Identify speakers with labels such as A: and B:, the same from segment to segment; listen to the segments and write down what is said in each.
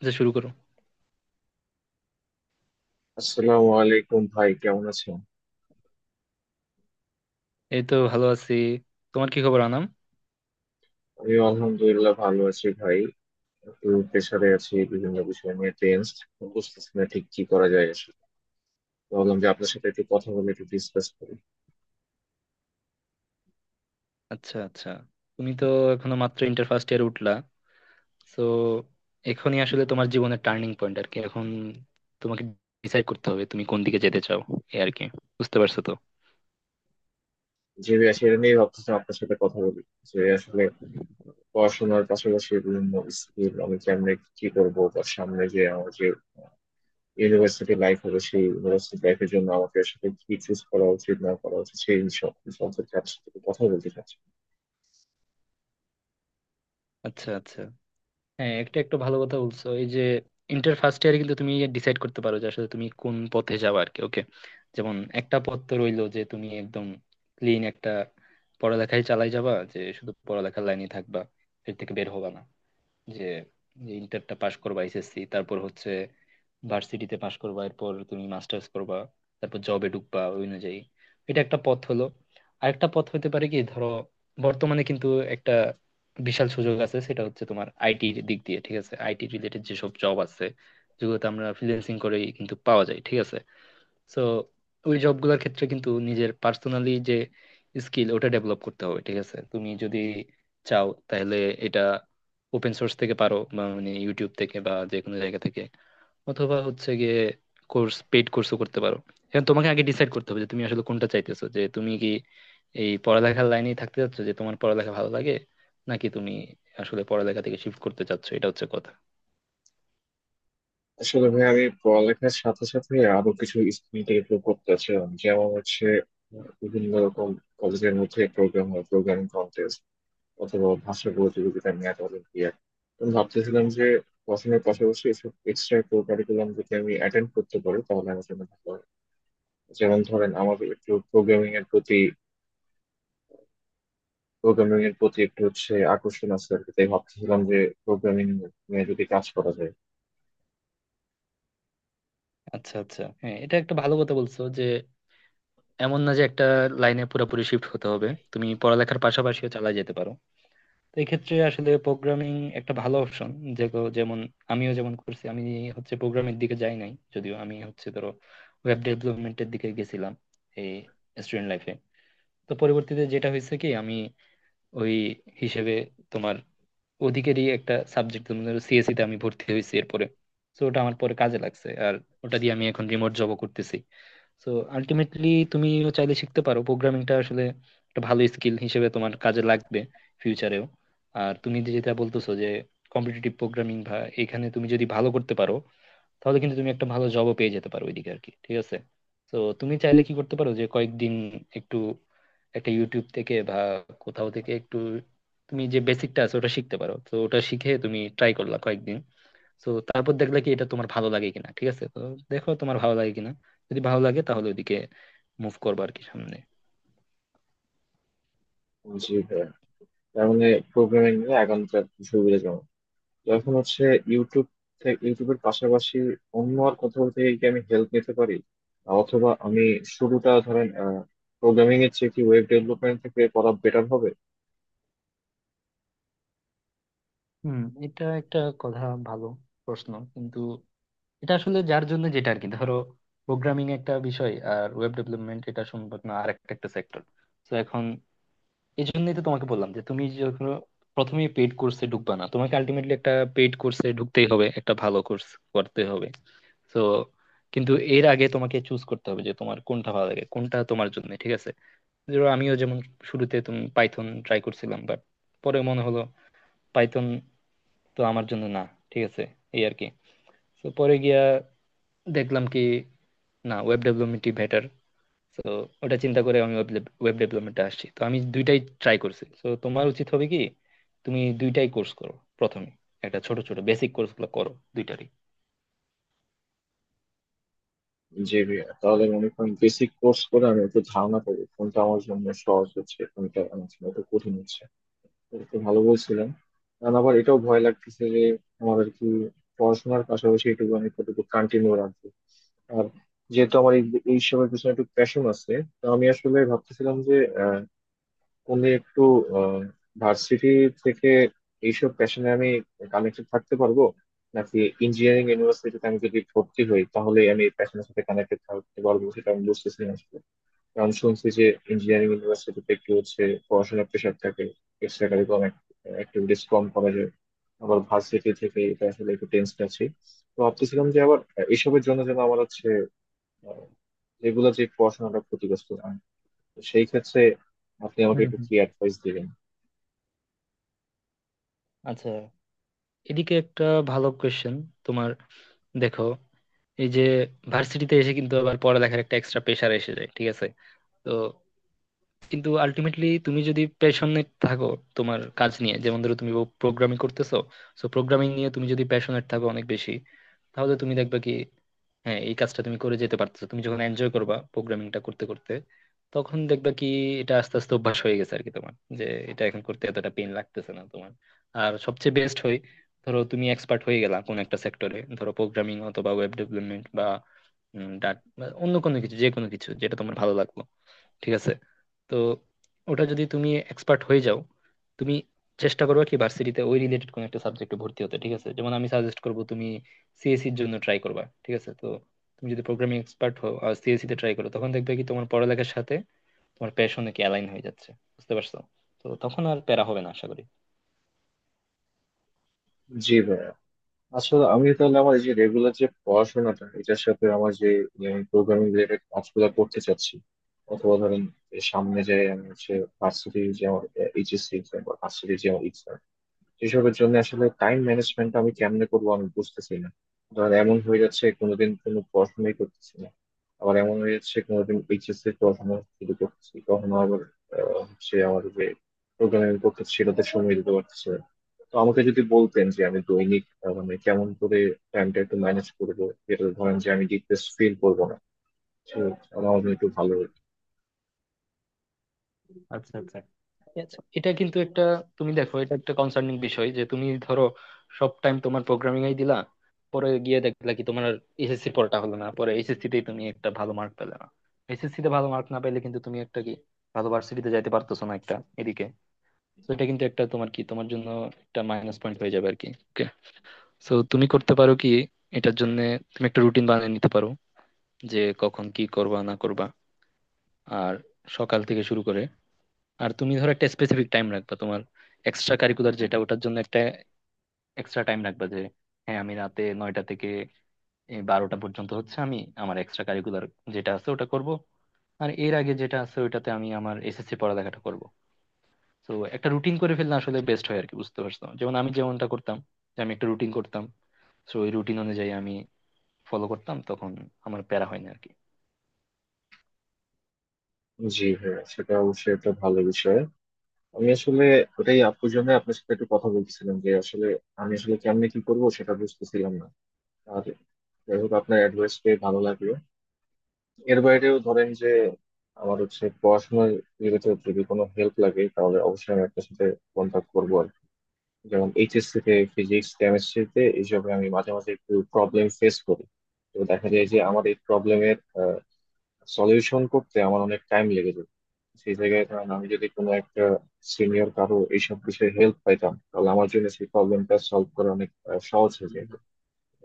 A: আচ্ছা, শুরু করো।
B: আসসালামু আলাইকুম ভাই, কেমন আছেন?
A: এই তো ভালো আছি। তোমার কি খবর আনাম?
B: আমি আলহামদুলিল্লাহ ভালো আছি ভাই। একটু প্রেশারে আছি, বিভিন্ন বিষয় নিয়ে টেনসড। বুঝতেছি না ঠিক কি করা যায় আসলে। ভাবলাম যে আপনার সাথে একটু কথা বলে একটু ডিসকাস করি।
A: আচ্ছা আচ্ছা। তুমি তো এখনো মাত্র ইন্টার ফার্স্ট ইয়ার উঠলা। তো এখনই আসলে তোমার জীবনের টার্নিং পয়েন্ট আর কি এখন। তোমাকে ডিসাইড করতে হবে তুমি কোন দিকে যেতে চাও, এই আর কি। বুঝতে পারছো তো?
B: যে বিষয় সেটা নিয়ে ভাবতেছি আপনার সাথে কথা বলি, যে আসলে পড়াশোনার পাশাপাশি বিভিন্ন স্কিল আমি কেমনে কি করবো, বা সামনে যে আমার যে ইউনিভার্সিটি লাইফ হবে সেই ইউনিভার্সিটি লাইফের জন্য আমাকে আসলে কি চুজ করা উচিত না করা উচিত সেই সব সম্পর্কে আপনার সাথে একটু কথা বলতে চাচ্ছি।
A: আচ্ছা আচ্ছা, হ্যাঁ একটা একটু ভালো কথা বলছো। এই যে ইন্টার ফার্স্ট ইয়ারে কিন্তু তুমি ডিসাইড করতে পারো যে আসলে তুমি কোন পথে যাবে আর কি। ওকে। যেমন একটা পথ তো রইলো যে তুমি একদম ক্লিন একটা পড়ালেখায় চালাই যাবা, যে শুধু পড়ালেখার লাইনে থাকবা, এর থেকে বের হবা না। যে যে ইন্টারটা পাশ করবা, এসএসসি, তারপর হচ্ছে ভার্সিটিতে পাশ করবা, এরপর তুমি মাস্টার্স করবা, তারপর জবে ঢুকবা ওই অনুযায়ী। এটা একটা পথ হলো। আরেকটা পথ হতে পারে কি, ধরো বর্তমানে কিন্তু একটা বিশাল সুযোগ আছে, সেটা হচ্ছে তোমার আইটি দিক দিয়ে। ঠিক আছে। আইটি রিলেটেড যেসব জব আছে, যেগুলোতে আমরা ফ্রিল্যান্সিং করেই কিন্তু পাওয়া যায়। ঠিক আছে। সো ওই জবগুলোর ক্ষেত্রে কিন্তু নিজের পার্সোনালি যে স্কিল, ওটা ডেভেলপ করতে হবে। ঠিক আছে। তুমি যদি চাও তাহলে এটা ওপেন সোর্স থেকে পারো, বা মানে ইউটিউব থেকে বা যে কোনো জায়গা থেকে, অথবা হচ্ছে গিয়ে কোর্স, পেইড কোর্সও করতে পারো। এখন তোমাকে আগে ডিসাইড করতে হবে যে তুমি আসলে কোনটা চাইতেছো, যে তুমি কি এই পড়ালেখার লাইনেই থাকতে চাচ্ছ, যে তোমার পড়ালেখা ভালো লাগে, নাকি তুমি আসলে পড়ালেখা থেকে শিফট করতে চাচ্ছ। এটা হচ্ছে কথা।
B: আসলে ভাই, আমি পড়ালেখার সাথে সাথে আরো কিছু স্কিল ডেভেলপ করতে চাচ্ছিলাম, যেমন হচ্ছে বিভিন্ন রকম কলেজের মধ্যে প্রোগ্রাম হয়, প্রোগ্রামিং কন্টেস্ট অথবা ভাষা প্রতিযোগিতা, ম্যাথ অলিম্পিয়াড। তো ভাবতেছিলাম যে পড়াশোনার পাশাপাশি এসব এক্সট্রা কো কারিকুলাম যদি আমি অ্যাটেন্ড করতে পারি তাহলে আমার জন্য ভালো হয়। যেমন ধরেন আমার একটু প্রোগ্রামিং এর প্রতি একটু হচ্ছে আকর্ষণ আছে আর কি। তাই ভাবতেছিলাম যে প্রোগ্রামিং নিয়ে যদি কাজ করা যায়।
A: আচ্ছা আচ্ছা, হ্যাঁ এটা একটা ভালো কথা বলছো যে এমন না যে একটা লাইনে পুরোপুরি শিফট হতে হবে, তুমি পড়ালেখার পাশাপাশিও চালা যেতে পারো। তো এই ক্ষেত্রে আসলে প্রোগ্রামিং একটা ভালো অপশন। যেগুলো যেমন আমিও যেমন করছি, আমি হচ্ছে প্রোগ্রামের দিকে যাই নাই যদিও, আমি হচ্ছে ধরো ওয়েব ডেভেলপমেন্টের দিকে গেছিলাম এই স্টুডেন্ট লাইফে। তো পরবর্তীতে যেটা হয়েছে কি, আমি ওই হিসেবে তোমার ওদিকেরই একটা সাবজেক্ট, তুমি ধরো সিএসসি তে আমি ভর্তি হয়েছি এরপরে। তো ওটা আমার পরে কাজে লাগছে। আর ওটা দিয়ে আমি এখন রিমোট জবও করতেছি। তো আলটিমেটলি তুমিও চাইলে শিখতে পারো প্রোগ্রামিংটা। আসলে একটা ভালো স্কিল হিসেবে তোমার কাজে লাগবে ফিউচারেও। আর তুমি যে যেটা বলতেছো যে কম্পিটিটিভ প্রোগ্রামিং বা, এখানে তুমি যদি ভালো করতে পারো তাহলে কিন্তু তুমি একটা ভালো জবও পেয়ে যেতে পারো ওইদিকে আর কি। ঠিক আছে। তো তুমি চাইলে কি করতে পারো যে কয়েকদিন একটু, একটা ইউটিউব থেকে বা কোথাও থেকে একটু, তুমি যে বেসিকটা আছে ওটা শিখতে পারো। তো ওটা শিখে তুমি ট্রাই করলা কয়েকদিন, তো তারপর দেখলে কি এটা তোমার ভালো লাগে কিনা। ঠিক আছে। তো দেখো তোমার ভালো লাগে কিনা, যদি ভালো লাগে তাহলে ওইদিকে মুভ করবো আর কি সামনে।
B: জি ভাই। তার মানে প্রোগ্রামিং নিয়ে এখনকার সুবিধাজনক, যখন হচ্ছে ইউটিউব থেকে, ইউটিউবের পাশাপাশি অন্য আর কোথাও থেকে কি আমি হেল্প নিতে পারি? অথবা আমি শুরুটা ধরেন প্রোগ্রামিং এর চেয়ে কি ওয়েব ডেভেলপমেন্ট থেকে করা বেটার হবে?
A: হুম। এটা একটা কথা, ভালো প্রশ্ন কিন্তু। এটা আসলে যার জন্য যেটা আর কি, ধরো প্রোগ্রামিং একটা বিষয় আর ওয়েব ডেভেলপমেন্ট, এটা সম্ভব না, আর একটা একটা সেক্টর। তো এখন এই জন্যই তো তোমাকে বললাম যে তুমি যখন প্রথমে পেড কোর্সে ঢুকবা না, তোমাকে আলটিমেটলি একটা পেড কোর্সে ঢুকতেই হবে, একটা ভালো কোর্স করতে হবে। তো কিন্তু এর আগে তোমাকে চুজ করতে হবে যে তোমার কোনটা ভালো লাগে, কোনটা তোমার জন্য ঠিক আছে। ধরো আমিও যেমন শুরুতে তুমি পাইথন ট্রাই করছিলাম, বাট পরে মনে হলো পাইথন তো আমার জন্য না। ঠিক আছে। এই আর কি। তো পরে গিয়া দেখলাম কি না, ওয়েব ডেভেলপমেন্টই বেটার। তো ওটা চিন্তা করে আমি ওয়েব ডেভেলপমেন্টে আসছি। তো আমি দুইটাই ট্রাই করছি। তো তোমার উচিত হবে কি, তুমি দুইটাই কোর্স করো। প্রথমে একটা ছোট ছোট বেসিক কোর্সগুলো করো দুইটারই।
B: যে তাহলে মনে করেন বেসিক কোর্স করে আমি একটু ধারণা পাবো কোনটা আমার জন্য সহজ হচ্ছে কোনটা আমার জন্য একটু কঠিন হচ্ছে। এটা তো ভালো বলছিলেন। আর আবার এটাও ভয় লাগতেছে যে আমার আর কি পড়াশোনার পাশাপাশি এটুকু আমি কতটুকু কন্টিনিউ রাখবো। আর যেহেতু আমার এই এইসবের পিছনে একটু প্যাশন আছে, তো আমি আসলে ভাবতেছিলাম যে উনি একটু ভার্সিটি থেকে এইসব প্যাশনে আমি কানেক্টেড থাকতে পারবো, নাকি ইঞ্জিনিয়ারিং ইউনিভার্সিটিতে আমি যদি ভর্তি হই তাহলে আমি এই প্যাশনের সাথে কানেক্টেড থাকতে পারবো সেটা আমি বুঝতেছি না আসলে। কারণ শুনছি যে ইঞ্জিনিয়ারিং ইউনিভার্সিটিতে একটু হচ্ছে পড়াশোনার প্রেশার থাকে, এক্সট্রা কারিকুলাম অ্যাক্টিভিটিস কম করা যায়। আবার ভার্সিটি থেকে এটা আসলে একটু টেন্সড আছি। তো ভাবতেছিলাম যে আবার এসবের জন্য যেন আমার হচ্ছে আহ, এগুলো যে পড়াশোনাটা ক্ষতিগ্রস্ত না হয়। তো সেই ক্ষেত্রে আপনি আমাকে
A: হুম
B: একটু
A: হুম।
B: কি অ্যাডভাইস দিবেন?
A: আচ্ছা, এদিকে একটা ভালো কোয়েশ্চেন তোমার। দেখো এই যে ভার্সিটিতে এসে কিন্তু আবার পড়ালেখার একটা এক্সট্রা প্রেশার এসে যায়। ঠিক আছে। তো কিন্তু আলটিমেটলি তুমি যদি প্যাশনেট থাকো তোমার কাজ নিয়ে, যেমন ধরো তুমি প্রোগ্রামিং করতেছো, সো প্রোগ্রামিং নিয়ে তুমি যদি প্যাশনেট থাকো অনেক বেশি, তাহলে তুমি দেখবে কি হ্যাঁ এই কাজটা তুমি করে যেতে পারতেছো। তুমি যখন এনজয় করবা প্রোগ্রামিংটা করতে করতে, তখন দেখবা কি এটা আস্তে আস্তে অভ্যাস হয়ে গেছে আর কি তোমার, যে এটা এখন করতে এতটা পেন লাগতেছে না তোমার। আর সবচেয়ে বেস্ট হয়, ধরো তুমি এক্সপার্ট হয়ে গেলা কোন একটা সেক্টরে, ধরো প্রোগ্রামিং অথবা ওয়েব ডেভেলপমেন্ট বা ডাট, অন্য কোনো কিছু, যে কোনো কিছু যেটা তোমার ভালো লাগলো। ঠিক আছে। তো ওটা যদি তুমি এক্সপার্ট হয়ে যাও, তুমি চেষ্টা করবে কি ভার্সিটিতে ওই রিলেটেড কোনো একটা সাবজেক্টে ভর্তি হতে। ঠিক আছে। যেমন আমি সাজেস্ট করবো তুমি সিএসসির জন্য ট্রাই করবা। ঠিক আছে। তো তুমি যদি প্রোগ্রামিং এক্সপার্ট হও আর সিএসসি তে ট্রাই করো, তখন দেখবে কি তোমার পড়ালেখার সাথে তোমার প্যাশনে কি অ্যালাইন হয়ে যাচ্ছে। বুঝতে পারছো। তো তখন আর প্যারা হবে না আশা করি।
B: জি ভাইয়া। আসলে আমি তাহলে আমার এই যে রেগুলার যে পড়াশোনাটা এটার সাথে আমার যে প্রোগ্রামিং রিলেটেড কাজগুলো করতে চাচ্ছি, অথবা ধরেন এই সামনে যে আমি হচ্ছে ভার্সিটি যে আমার এইচএসসি এক্সাম বা ভার্সিটি যে আমার exam, এসবের জন্য আসলে টাইম ম্যানেজমেন্ট আমি কেমনে করবো আমি বুঝতেছি না। ধর এমন হয়ে যাচ্ছে কোনোদিন কোনো পড়াশোনাই করতেছি না, আবার এমন হয়ে যাচ্ছে কোনোদিন এইচএসসি পড়াশোনা শুরু করতেছি, কখনো আবার হচ্ছে আমার যে প্রোগ্রামিং করতেছি সেটাতে সময় দিতে পারতেছে না। তো আমাকে যদি বলতেন যে আমি দৈনিক মানে কেমন করে টাইমটা একটু ম্যানেজ করবো, যেটা ধরেন যে আমি ডিপ্রেস ফিল করবো না, সে আমার জন্য একটু ভালো হতো।
A: আচ্ছা আচ্ছা ঠিক আছে। এটা কিন্তু একটা, তুমি দেখো এটা একটা কনসার্নিং বিষয় যে তুমি ধরো সব টাইম তোমার প্রোগ্রামিং এই দিলা, পরে গিয়ে দেখলা কি তোমার এসএসসি পড়াটা হলো না, পরে এসএসসি তে তুমি একটা ভালো মার্ক পেলে না। এসএসসি তে ভালো মার্ক না পেলে কিন্তু তুমি একটা কি ভালো ভার্সিটিতে যাইতে পারতেছো না একটা এদিকে। তো এটা কিন্তু একটা তোমার কি তোমার জন্য একটা মাইনাস পয়েন্ট হয়ে যাবে আর কি। ওকে। সো তুমি করতে পারো কি এটার জন্য তুমি একটা রুটিন বানিয়ে নিতে পারো, যে কখন কি করবা না করবা। আর সকাল থেকে শুরু করে, আর তুমি ধরো একটা স্পেসিফিক টাইম রাখবা তোমার এক্সট্রা কারিকুলার যেটা, ওটার জন্য একটা এক্সট্রা টাইম রাখবা, যে হ্যাঁ আমি রাতে 9টা থেকে এই 12টা পর্যন্ত হচ্ছে আমি আমার এক্সট্রা কারিকুলার যেটা আছে ওটা করব। আর এর আগে যেটা আছে ওইটাতে আমি আমার এসএসসি পড়ালেখাটা করব। তো একটা রুটিন করে ফেললে আসলে বেস্ট হয় আর কি। বুঝতে পারছো। যেমন আমি যেমনটা করতাম, যে আমি একটা রুটিন করতাম, তো ওই রুটিন অনুযায়ী আমি ফলো করতাম, তখন আমার প্যারা হয় না আর কি।
B: জি হ্যাঁ, সেটা অবশ্যই একটা ভালো বিষয়। আমি আসলে ওটাই আপুর জন্য আপনার সাথে একটু কথা বলতেছিলাম যে আসলে আমি আসলে কেমনে কি করব সেটা বুঝতেছিলাম না। আর যাই হোক, আপনার অ্যাডভাইস পেয়ে ভালো লাগলো। এর বাইরেও ধরেন যে আমার হচ্ছে পড়াশোনার রিলেটেড যদি কোনো হেল্প লাগে তাহলে অবশ্যই আমি আপনার সাথে কন্ট্যাক্ট করবো আর কি। যেমন এইচএসসি তে ফিজিক্স কেমিস্ট্রিতে এইসবে আমি মাঝে মাঝে একটু প্রবলেম ফেস করি। তো দেখা যায় যে আমার এই প্রবলেমের সলিউশন করতে আমার অনেক টাইম লেগে যেত। সেই জায়গায় ধরেন আমি যদি কোনো একটা সিনিয়র কারো এইসব বিষয়ে হেল্প পাইতাম তাহলে আমার জন্য সেই প্রবলেমটা সলভ করা অনেক সহজ হয়ে
A: হুম।
B: যেত।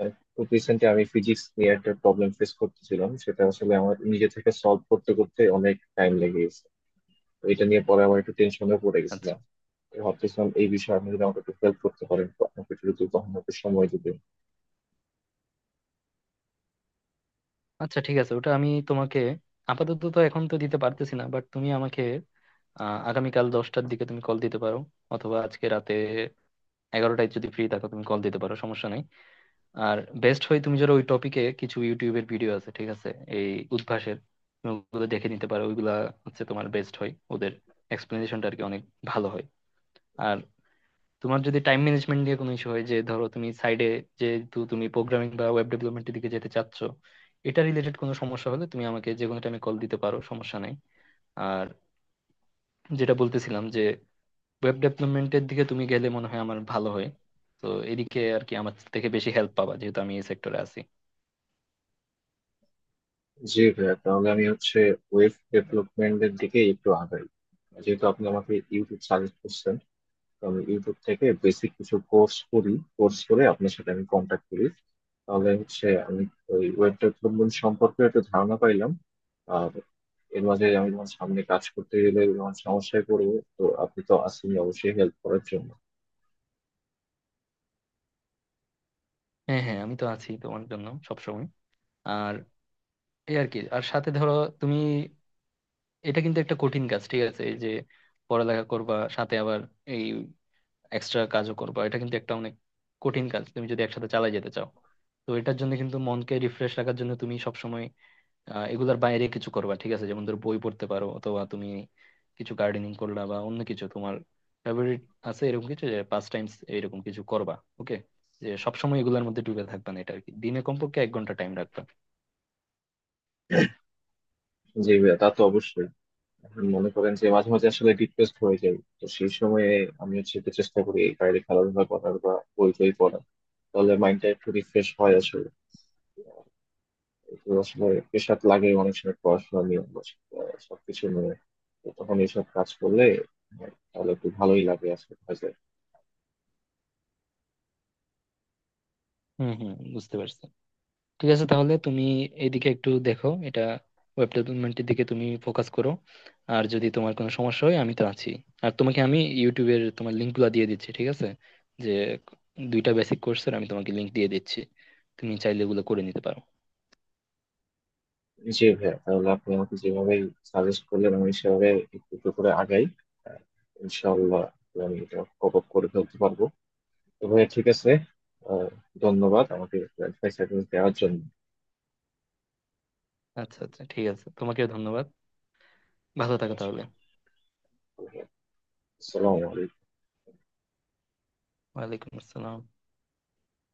B: খুব রিসেন্টলি আমি ফিজিক্স নিয়ে একটা প্রবলেম ফেস করতেছিলাম, সেটা আসলে আমার নিজে থেকে সলভ করতে করতে অনেক টাইম লেগে গেছে। তো এটা নিয়ে পরে আমার একটু টেনশনে পড়ে
A: আচ্ছা
B: গেছিলাম। তো ভাবতেছিলাম এই বিষয়ে আপনি যদি আমাকে একটু হেল্প করতে পারেন, তো আমাকে একটু যদি কখনো একটু সময় দিতে।
A: আচ্ছা ঠিক আছে, ওটা আমি তোমাকে আপাতত তো এখন তো দিতে পারতেছি না, বাট তুমি আমাকে আগামীকাল 10টার দিকে তুমি কল দিতে পারো, অথবা আজকে রাতে 11টায় যদি ফ্রি থাকো তুমি কল দিতে পারো, সমস্যা নাই। আর বেস্ট হয় তুমি যারা ওই টপিকে কিছু ইউটিউবের ভিডিও আছে। ঠিক আছে। এই উদ্ভাসের, তুমি ওগুলো দেখে নিতে পারো। ওইগুলা হচ্ছে তোমার বেস্ট হয়, ওদের এক্সপ্লেনেশনটা আর কি অনেক ভালো হয়। তোমার যদি টাইম ম্যানেজমেন্ট নিয়ে কোনো ইস্যু হয়, যে ধরো তুমি সাইডে, যেহেতু তুমি প্রোগ্রামিং বা ওয়েব ডেভেলপমেন্টের দিকে যেতে চাচ্ছ, এটা রিলেটেড কোনো সমস্যা হলে তুমি আমাকে যে কোনো টাইমে কল দিতে পারো, সমস্যা নাই। আর যেটা বলতেছিলাম যে ওয়েব ডেভেলপমেন্টের দিকে তুমি গেলে মনে হয় আমার ভালো হয়। তো এদিকে আর কি আমার থেকে বেশি হেল্প পাবা, যেহেতু আমি এই সেক্টরে আছি।
B: জি ভাইয়া, তাহলে আমি হচ্ছে ওয়েব ডেভেলপমেন্টের দিকে একটু আগাই। যেহেতু আপনি আমাকে ইউটিউব সাজেস্ট করছেন, তো আমি ইউটিউব থেকে বেসিক কিছু কোর্স করি, কোর্স করে আপনার সাথে আমি কন্ট্যাক্ট করি। তাহলে হচ্ছে আমি ওই ওয়েব ডেভেলপমেন্ট সম্পর্কে একটা ধারণা পাইলাম। আর এর মাঝে আমি যখন সামনে কাজ করতে গেলে যখন সমস্যায় পড়বো, তো আপনি তো আছেন অবশ্যই হেল্প করার জন্য।
A: হ্যাঁ হ্যাঁ, আমি তো আছি তোমার জন্য সবসময়। আর এই আর কি, আর সাথে ধরো তুমি, এটা কিন্তু একটা কঠিন কাজ। ঠিক আছে। এই যে পড়ালেখা করবা সাথে আবার এই এক্সট্রা কাজও করবা, এটা কিন্তু একটা অনেক কঠিন কাজ তুমি যদি একসাথে চালিয়ে যেতে চাও। তো এটার জন্য কিন্তু মনকে রিফ্রেশ রাখার জন্য তুমি সবসময় এগুলার বাইরে কিছু করবা। ঠিক আছে। যেমন ধরো বই পড়তে পারো, অথবা তুমি কিছু গার্ডেনিং করলা বা অন্য কিছু তোমার ফেভারিট আছে এরকম কিছু, যে 5 টাইমস এরকম কিছু করবা। ওকে। যে সবসময় এগুলোর মধ্যে ডুবে থাকবা না, এটা আর কি দিনে কমপক্ষে 1 ঘন্টা টাইম রাখবা।
B: জি ভাইয়া, তা তো অবশ্যই। এখন মনে করেন যে মাঝে মাঝে আসলে ডিপ্রেসড হয়ে যাই, তো সেই সময়ে আমি হচ্ছে একটু চেষ্টা করি এই বাইরে খেলাধুলা করার বা বই টই পড়ার, তাহলে মাইন্ডটা একটু রিফ্রেশ হয় আসলে। আহ, একটু আসলে প্রেশার লাগে অনেক সময় পড়াশোনা নিয়ে বা সবকিছু নিয়ে। তো তখন এইসব কাজ করলে আহ, তাহলে একটু ভালোই লাগে আসলে কাজে।
A: হম হম, বুঝতে পারছি। ঠিক আছে তাহলে তুমি এইদিকে একটু দেখো, এটা ওয়েব ডেভেলপমেন্টের দিকে তুমি ফোকাস করো। আর যদি তোমার কোনো সমস্যা হয় আমি তো আছি। আর তোমাকে আমি ইউটিউবের তোমার লিঙ্কগুলো দিয়ে দিচ্ছি। ঠিক আছে। যে দুইটা বেসিক কোর্সের আমি তোমাকে লিঙ্ক দিয়ে দিচ্ছি, তুমি চাইলে এগুলো করে নিতে পারো।
B: জি ভাইয়া, তাহলে আপনি আমাকে যেভাবে সাজেস্ট করলেন আমি সেভাবে একটু একটু করে আগাই। আহ, ইনশাআল্লাহ আমি এটা কপ আপ করে ফেলতে পারবো। তো ভাইয়া ঠিক আছে, আহ, ধন্যবাদ আমাকে অ্যাডভাইস দেওয়ার জন্য।
A: আচ্ছা আচ্ছা ঠিক আছে, তোমাকেও ধন্যবাদ। ভালো থাকো তাহলে।
B: আসসালামু আলাইকুম।
A: ওয়ালাইকুম আসসালাম।